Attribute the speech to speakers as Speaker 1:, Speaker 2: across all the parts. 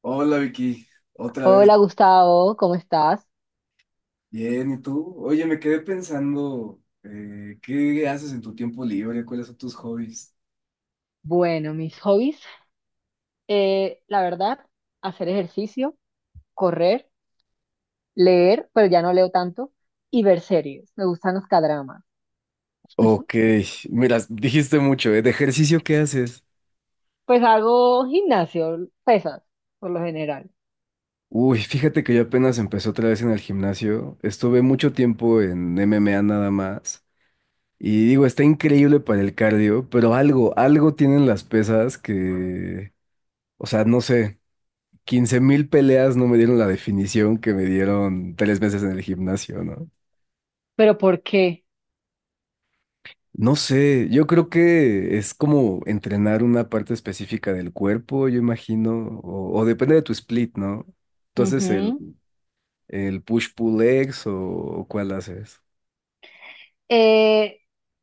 Speaker 1: Hola Vicky, otra vez.
Speaker 2: Hola Gustavo, ¿cómo estás?
Speaker 1: Bien, ¿y tú? Oye, me quedé pensando, ¿qué haces en tu tiempo libre? ¿Cuáles son tus hobbies?
Speaker 2: Bueno, mis hobbies, la verdad, hacer ejercicio, correr, leer, pero ya no leo tanto, y ver series. Me gustan los cadramas.
Speaker 1: Ok, mira, dijiste mucho, ¿eh? ¿De ejercicio qué haces?
Speaker 2: Pues hago gimnasio, pesas, por lo general.
Speaker 1: Uy, fíjate que yo apenas empecé otra vez en el gimnasio. Estuve mucho tiempo en MMA nada más. Y digo, está increíble para el cardio, pero algo tienen las pesas que, o sea, no sé, 15,000 peleas no me dieron la definición que me dieron 3 meses en el gimnasio, ¿no?
Speaker 2: ¿Pero por qué?
Speaker 1: No sé, yo creo que es como entrenar una parte específica del cuerpo, yo imagino, o depende de tu split, ¿no? ¿Tú haces el,
Speaker 2: Ujú.
Speaker 1: el push-pull legs o cuál haces?
Speaker 2: Eh,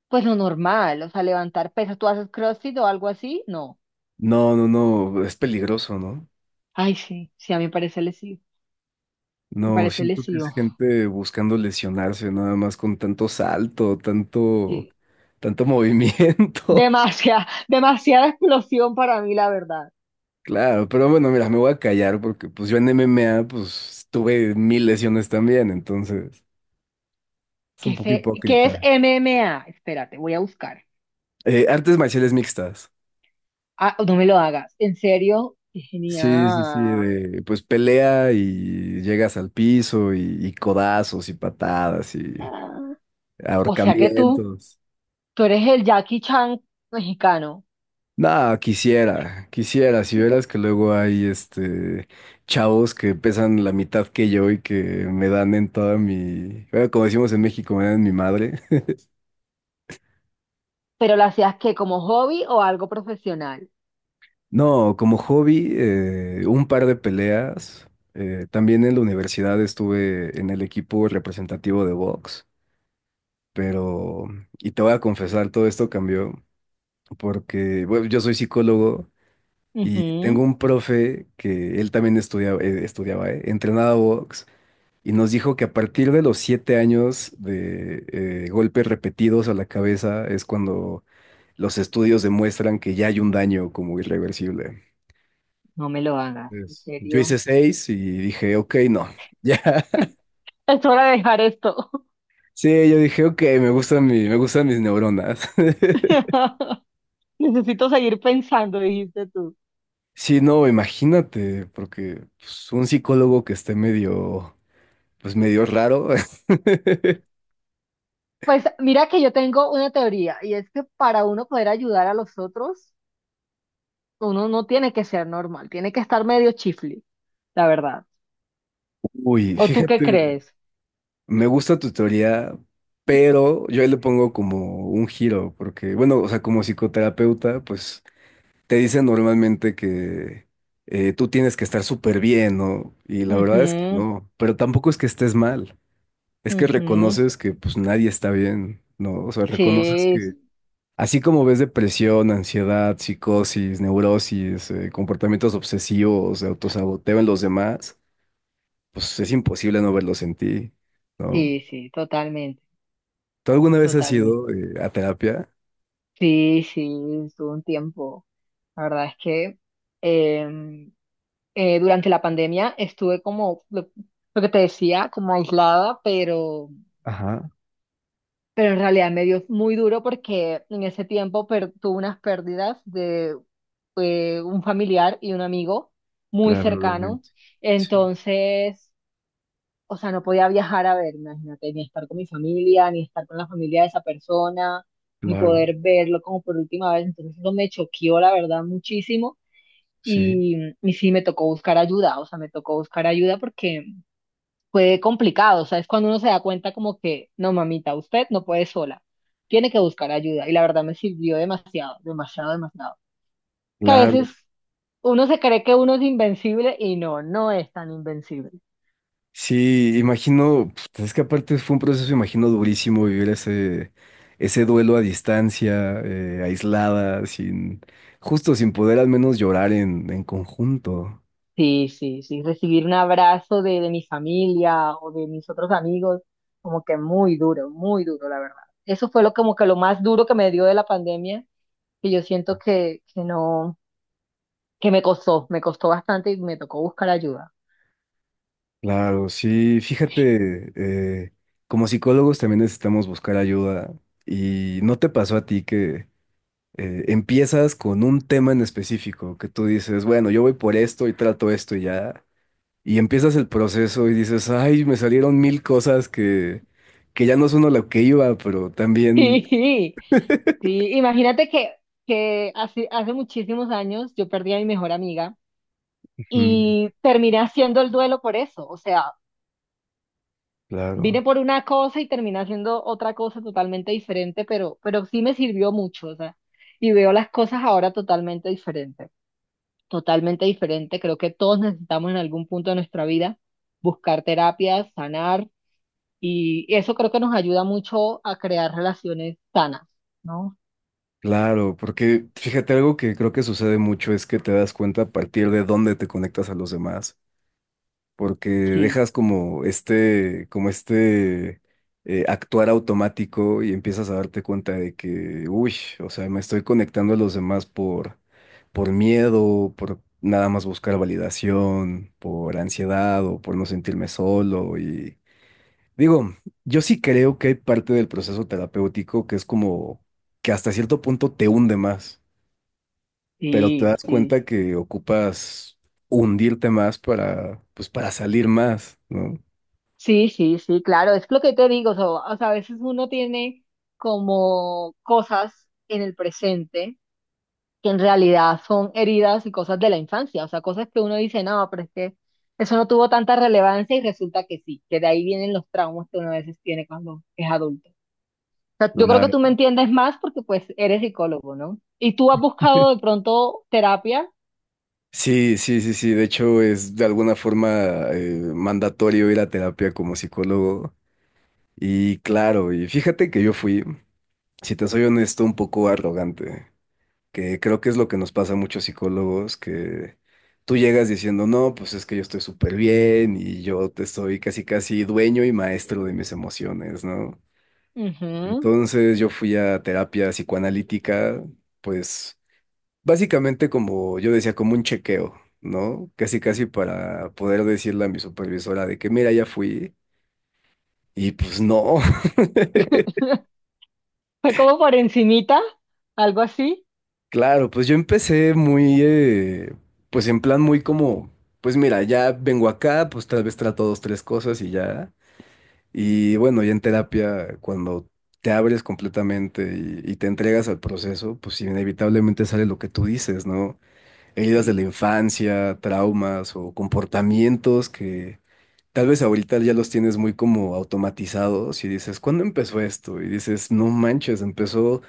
Speaker 2: pues lo normal, o sea, levantar pesas. ¿Tú haces CrossFit o algo así? No.
Speaker 1: No, no, no, es peligroso, ¿no?
Speaker 2: Ay, sí, sí, a mí me parece lesivo. Me
Speaker 1: No,
Speaker 2: parece
Speaker 1: siento que es
Speaker 2: lesivo.
Speaker 1: gente buscando lesionarse nada más con tanto salto, tanto,
Speaker 2: Sí.
Speaker 1: tanto movimiento.
Speaker 2: Demasiada, demasiada explosión para mí, la verdad.
Speaker 1: Claro, pero bueno, mira, me voy a callar porque pues yo en MMA pues tuve mil lesiones también, entonces es
Speaker 2: ¿Qué
Speaker 1: un
Speaker 2: es,
Speaker 1: poco
Speaker 2: qué es
Speaker 1: hipócrita.
Speaker 2: MMA? Espérate, voy a buscar.
Speaker 1: Artes marciales mixtas.
Speaker 2: Ah, no me lo hagas. ¿En serio? Qué
Speaker 1: Sí, sí, sí,
Speaker 2: genial.
Speaker 1: de pues pelea y llegas al piso y codazos y patadas y
Speaker 2: Ah. O sea que tú,
Speaker 1: ahorcamientos.
Speaker 2: tú eres el Jackie Chan mexicano,
Speaker 1: No, quisiera, quisiera, si vieras que luego hay este chavos que pesan la mitad que yo y que me dan en toda mi, bueno, como decimos en México, me dan en mi madre.
Speaker 2: pero lo hacías que como hobby o algo profesional.
Speaker 1: No, como hobby, un par de peleas. También en la universidad estuve en el equipo representativo de box. Pero, y te voy a confesar, todo esto cambió porque, bueno, yo soy psicólogo y tengo
Speaker 2: Ujú.
Speaker 1: un profe que él también estudiaba, entrenaba box y nos dijo que a partir de los 7 años de golpes repetidos a la cabeza es cuando los estudios demuestran que ya hay un daño como irreversible.
Speaker 2: No me lo hagas, en
Speaker 1: Yo hice
Speaker 2: serio.
Speaker 1: seis y dije, ok, no, ya.
Speaker 2: Es hora de dejar esto.
Speaker 1: Sí, yo dije, ok, me gustan mis neuronas.
Speaker 2: Necesito seguir pensando, dijiste tú.
Speaker 1: Sí, no, imagínate, porque pues, un psicólogo que esté medio, pues medio raro.
Speaker 2: Pues mira que yo tengo una teoría y es que para uno poder ayudar a los otros, uno no tiene que ser normal, tiene que estar medio chifli, la verdad.
Speaker 1: Uy,
Speaker 2: ¿O tú qué
Speaker 1: fíjate,
Speaker 2: crees?
Speaker 1: me gusta tu teoría, pero yo ahí le pongo como un giro, porque, bueno, o sea, como psicoterapeuta, pues te dicen normalmente que tú tienes que estar súper bien, ¿no? Y la verdad es que
Speaker 2: Ujú,
Speaker 1: no, pero tampoco es que estés mal, es que
Speaker 2: ujú.
Speaker 1: reconoces que pues nadie está bien, ¿no? O sea, reconoces.
Speaker 2: Sí, sí,
Speaker 1: Así como ves depresión, ansiedad, psicosis, neurosis, comportamientos obsesivos, autosaboteo en los demás, pues es imposible no verlos en ti, ¿no?
Speaker 2: sí, sí, totalmente,
Speaker 1: ¿Tú alguna vez has
Speaker 2: totalmente.
Speaker 1: ido a terapia?
Speaker 2: Sí, sí, estuvo un tiempo. La verdad es que em, durante la pandemia estuve como, lo que te decía, como aislada, pero,
Speaker 1: Ajá,
Speaker 2: pero en realidad me dio muy duro porque en ese tiempo tuve unas pérdidas de un familiar y un amigo muy
Speaker 1: claro,
Speaker 2: cercano.
Speaker 1: lamento. Sí,
Speaker 2: Entonces, o sea, no podía viajar a ver, imagínate, ni estar con mi familia, ni estar con la familia de esa persona, ni
Speaker 1: claro,
Speaker 2: poder verlo como por última vez. Entonces, eso me choqueó, la verdad, muchísimo.
Speaker 1: sí.
Speaker 2: Y, y sí, me tocó buscar ayuda, o sea, me tocó buscar ayuda porque fue complicado, o sea, es cuando uno se da cuenta como que, no, mamita, usted no puede sola, tiene que buscar ayuda. Y la verdad me sirvió demasiado, demasiado, demasiado, que a
Speaker 1: Claro.
Speaker 2: veces uno se cree que uno es invencible y no, no es tan invencible.
Speaker 1: Sí, imagino, pf, es que aparte fue un proceso, imagino, durísimo vivir ese, duelo a distancia, aislada, sin, justo sin poder al menos llorar en conjunto.
Speaker 2: Sí, sí, sí. Recibir un abrazo de mi familia o de mis otros amigos, como que muy duro, la verdad. Eso fue lo como que lo más duro que me dio de la pandemia, que yo siento que no, que me costó bastante y me tocó buscar ayuda.
Speaker 1: Claro, sí, fíjate, eh, como psicólogos también necesitamos buscar ayuda y ¿no te pasó a ti que empiezas con un tema en específico, que tú dices, bueno, yo voy por esto y trato esto y ya, y empiezas el proceso y dices, ay, me salieron mil cosas que ya no son a lo que iba, pero también...
Speaker 2: Sí, sí. Imagínate que hace muchísimos años yo perdí a mi mejor amiga
Speaker 1: Ujú.
Speaker 2: y terminé haciendo el duelo por eso. O sea, vine
Speaker 1: Claro,
Speaker 2: por una cosa y terminé haciendo otra cosa totalmente diferente, pero sí me sirvió mucho, o sea, y veo las cosas ahora totalmente diferente, totalmente diferente. Creo que todos necesitamos en algún punto de nuestra vida buscar terapias, sanar, y eso creo que nos ayuda mucho a crear relaciones sanas, ¿no?
Speaker 1: claro, porque fíjate algo que creo que sucede mucho es que te das cuenta a partir de dónde te conectas a los demás. Porque
Speaker 2: Sí,
Speaker 1: dejas como este, actuar automático y empiezas a darte cuenta de que, uy, o sea, me estoy conectando a los demás por miedo, por nada más buscar validación, por ansiedad o por no sentirme solo. Y digo, yo sí creo que hay parte del proceso terapéutico que es como que hasta cierto punto te hunde más, pero te
Speaker 2: sí,
Speaker 1: das
Speaker 2: sí.
Speaker 1: cuenta que ocupas hundirte más para, pues, para salir más, ¿no?
Speaker 2: Sí, sí, sí, claro, es lo que te digo, o sea, a veces uno tiene como cosas en el presente que en realidad son heridas y cosas de la infancia, o sea, cosas que uno dice, no, pero es que eso no tuvo tanta relevancia y resulta que sí, que de ahí vienen los traumas que uno a veces tiene cuando es adulto. O sea, yo creo que
Speaker 1: Claro.
Speaker 2: tú me entiendes más porque pues eres psicólogo, ¿no? Y tú has buscado de pronto terapia.
Speaker 1: Sí, sí, sí, sí. De hecho, es de alguna forma mandatorio ir a terapia como psicólogo. Y claro, y fíjate que yo fui, si te soy honesto, un poco arrogante, que creo que es lo que nos pasa a muchos psicólogos, que tú llegas diciendo, no, pues es que yo estoy súper bien y yo te estoy casi, casi dueño y maestro de mis emociones, ¿no?
Speaker 2: Ujú.
Speaker 1: Entonces yo fui a terapia psicoanalítica, pues básicamente, como yo decía, como un chequeo, ¿no? Casi, casi para poder decirle a mi supervisora de que, mira, ya fui. Y pues no.
Speaker 2: Fue como por encimita, algo así.
Speaker 1: Claro, pues yo empecé muy, pues en plan muy como, pues mira, ya vengo acá, pues tal vez trato dos, tres cosas y ya. Y bueno, ya en terapia, cuando te abres completamente y te entregas al proceso, pues inevitablemente sale lo que tú dices, ¿no? Heridas de la
Speaker 2: Sí.
Speaker 1: infancia, traumas o comportamientos que... Tal vez ahorita ya los tienes muy como automatizados y dices, ¿cuándo empezó esto? Y dices, no manches, empezó,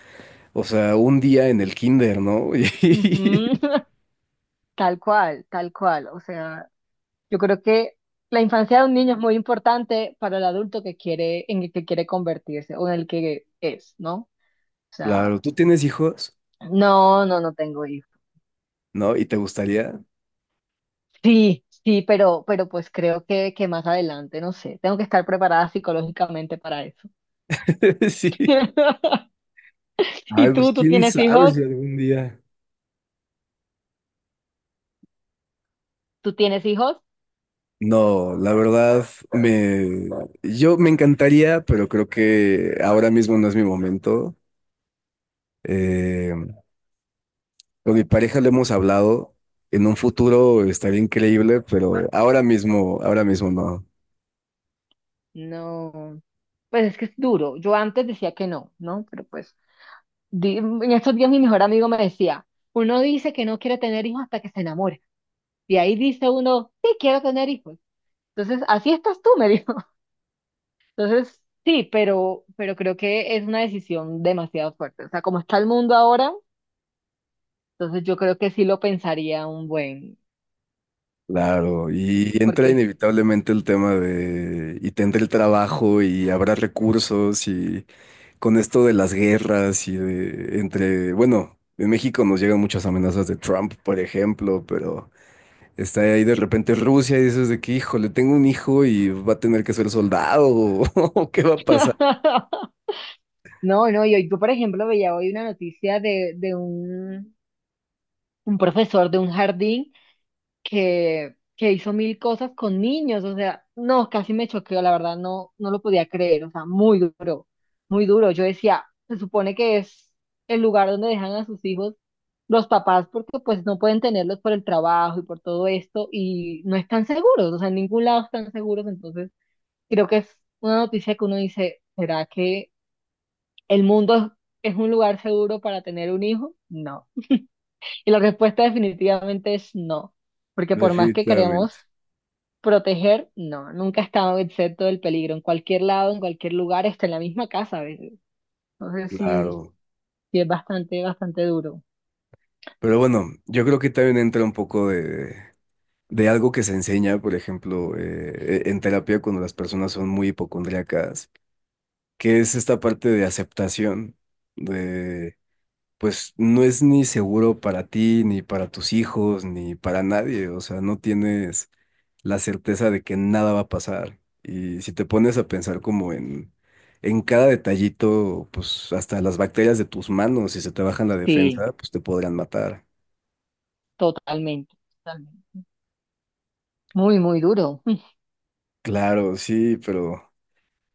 Speaker 1: o sea, un día en el kinder, ¿no?
Speaker 2: Ujú.
Speaker 1: Y
Speaker 2: Tal cual, o sea, yo creo que la infancia de un niño es muy importante para el adulto que quiere, en el que quiere convertirse o en el que es, ¿no? O sea,
Speaker 1: claro, ¿tú tienes hijos?
Speaker 2: no, no, no tengo hijos.
Speaker 1: ¿No? ¿Y te gustaría?
Speaker 2: Sí, sí, pero pues creo que más adelante, no sé, tengo que estar preparada psicológicamente para eso.
Speaker 1: Sí. Ay,
Speaker 2: ¿Y
Speaker 1: pues
Speaker 2: tú
Speaker 1: quién
Speaker 2: tienes
Speaker 1: sabe
Speaker 2: hijos?
Speaker 1: si algún día.
Speaker 2: ¿Tú tienes hijos?
Speaker 1: No, la verdad, me, yo me encantaría, pero creo que ahora mismo no es mi momento. Eh, con mi pareja le hemos hablado. En un futuro estaría increíble, pero ahora mismo no.
Speaker 2: No. Pues es que es duro. Yo antes decía que no, ¿no? Pero pues en estos días mi mejor amigo me decía, uno dice que no quiere tener hijos hasta que se enamora. Y ahí dice uno, sí, quiero tener hijos. Entonces, así estás tú, me dijo. Entonces, sí, pero creo que es una decisión demasiado fuerte. O sea, como está el mundo ahora, entonces yo creo que sí lo pensaría un buen,
Speaker 1: Claro, y entra
Speaker 2: porque...
Speaker 1: inevitablemente el tema de, y tendré el trabajo y habrá recursos y con esto de las guerras y de, entre, bueno, en México nos llegan muchas amenazas de Trump, por ejemplo, pero está ahí de repente Rusia y dices de que, híjole, tengo un hijo y va a tener que ser soldado o qué va a pasar.
Speaker 2: No, no, yo por ejemplo veía hoy una noticia de un, profesor de un jardín que hizo mil cosas con niños, o sea, no, casi me choqueó, la verdad, no, no lo podía creer, o sea, muy duro, muy duro. Yo decía, se supone que es el lugar donde dejan a sus hijos los papás porque pues no pueden tenerlos por el trabajo y por todo esto y no están seguros, o sea, en ningún lado están seguros, entonces creo que es una noticia que uno dice, ¿será que el mundo es un lugar seguro para tener un hijo? No. Y la respuesta definitivamente es no, porque por más que queremos
Speaker 1: Definitivamente,
Speaker 2: proteger, no, nunca he estado exento del peligro. En cualquier lado, en cualquier lugar, hasta en la misma casa a veces. Entonces sí,
Speaker 1: claro.
Speaker 2: sí es bastante, bastante duro.
Speaker 1: Pero bueno, yo creo que también entra un poco de, algo que se enseña, por ejemplo, en terapia cuando las personas son muy hipocondríacas, que es esta parte de aceptación, de pues no es ni seguro para ti, ni para tus hijos, ni para nadie, o sea, no tienes la certeza de que nada va a pasar. Y si te pones a pensar como en, cada detallito, pues hasta las bacterias de tus manos, si se te bajan la
Speaker 2: Sí,
Speaker 1: defensa, pues te podrían matar.
Speaker 2: totalmente, totalmente. Muy, muy duro.
Speaker 1: Claro, sí,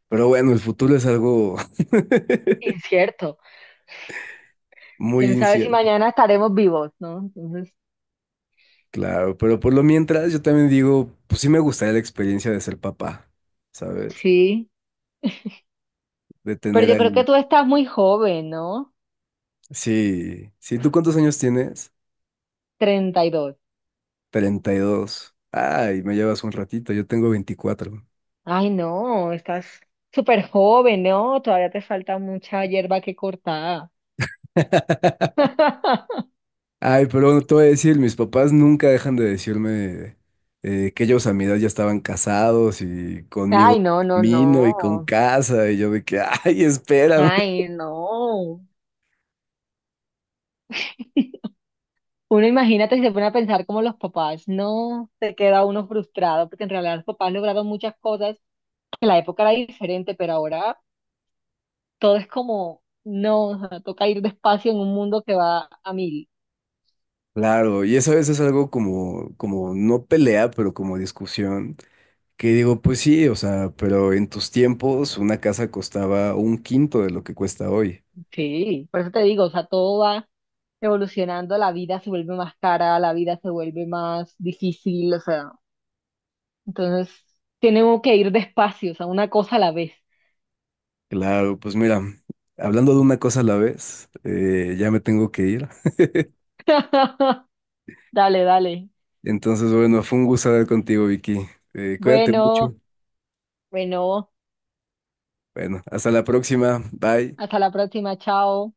Speaker 1: pero bueno, el futuro es algo
Speaker 2: Incierto.
Speaker 1: muy
Speaker 2: Quién sabe si
Speaker 1: inicial,
Speaker 2: mañana estaremos vivos, ¿no? Entonces,
Speaker 1: claro, pero por lo mientras yo también digo, pues sí me gustaría la experiencia de ser papá, ¿sabes?
Speaker 2: sí.
Speaker 1: De
Speaker 2: Pero
Speaker 1: tener
Speaker 2: yo creo que
Speaker 1: ahí.
Speaker 2: tú estás muy joven, ¿no?
Speaker 1: Sí, sí, ¿tú cuántos años tienes?
Speaker 2: 32.
Speaker 1: 32. Ay, me llevas un ratito, yo tengo 24.
Speaker 2: Ay, no, estás súper joven, ¿no? Todavía te falta mucha hierba que cortar.
Speaker 1: Ay, pero bueno, te voy a decir, mis papás nunca dejan de decirme que ellos a mi edad ya estaban casados y conmigo
Speaker 2: Ay, no, no,
Speaker 1: camino y con
Speaker 2: no.
Speaker 1: casa, y yo de que, ay, espérame.
Speaker 2: Ay, no. Uno imagínate si se pone a pensar como los papás, no se queda uno frustrado, porque en realidad los papás lograron muchas cosas, que la época era diferente, pero ahora todo es como, no, o sea, toca ir despacio en un mundo que va a mil.
Speaker 1: Claro, y eso a veces es algo como no pelea, pero como discusión. Que digo, pues sí, o sea, pero en tus tiempos una casa costaba un quinto de lo que cuesta hoy.
Speaker 2: Sí, por eso te digo, o sea, todo va evolucionando, la vida se vuelve más cara, la vida se vuelve más difícil, o sea, entonces tenemos que ir despacio, o sea, una cosa a la vez.
Speaker 1: Claro, pues mira, hablando de una cosa a la vez, ya me tengo que ir.
Speaker 2: Dale, dale.
Speaker 1: Entonces, bueno, fue un gusto hablar contigo, Vicky. Cuídate mucho.
Speaker 2: Bueno, bueno,
Speaker 1: Bueno, hasta la próxima. Bye.
Speaker 2: hasta la próxima, chao.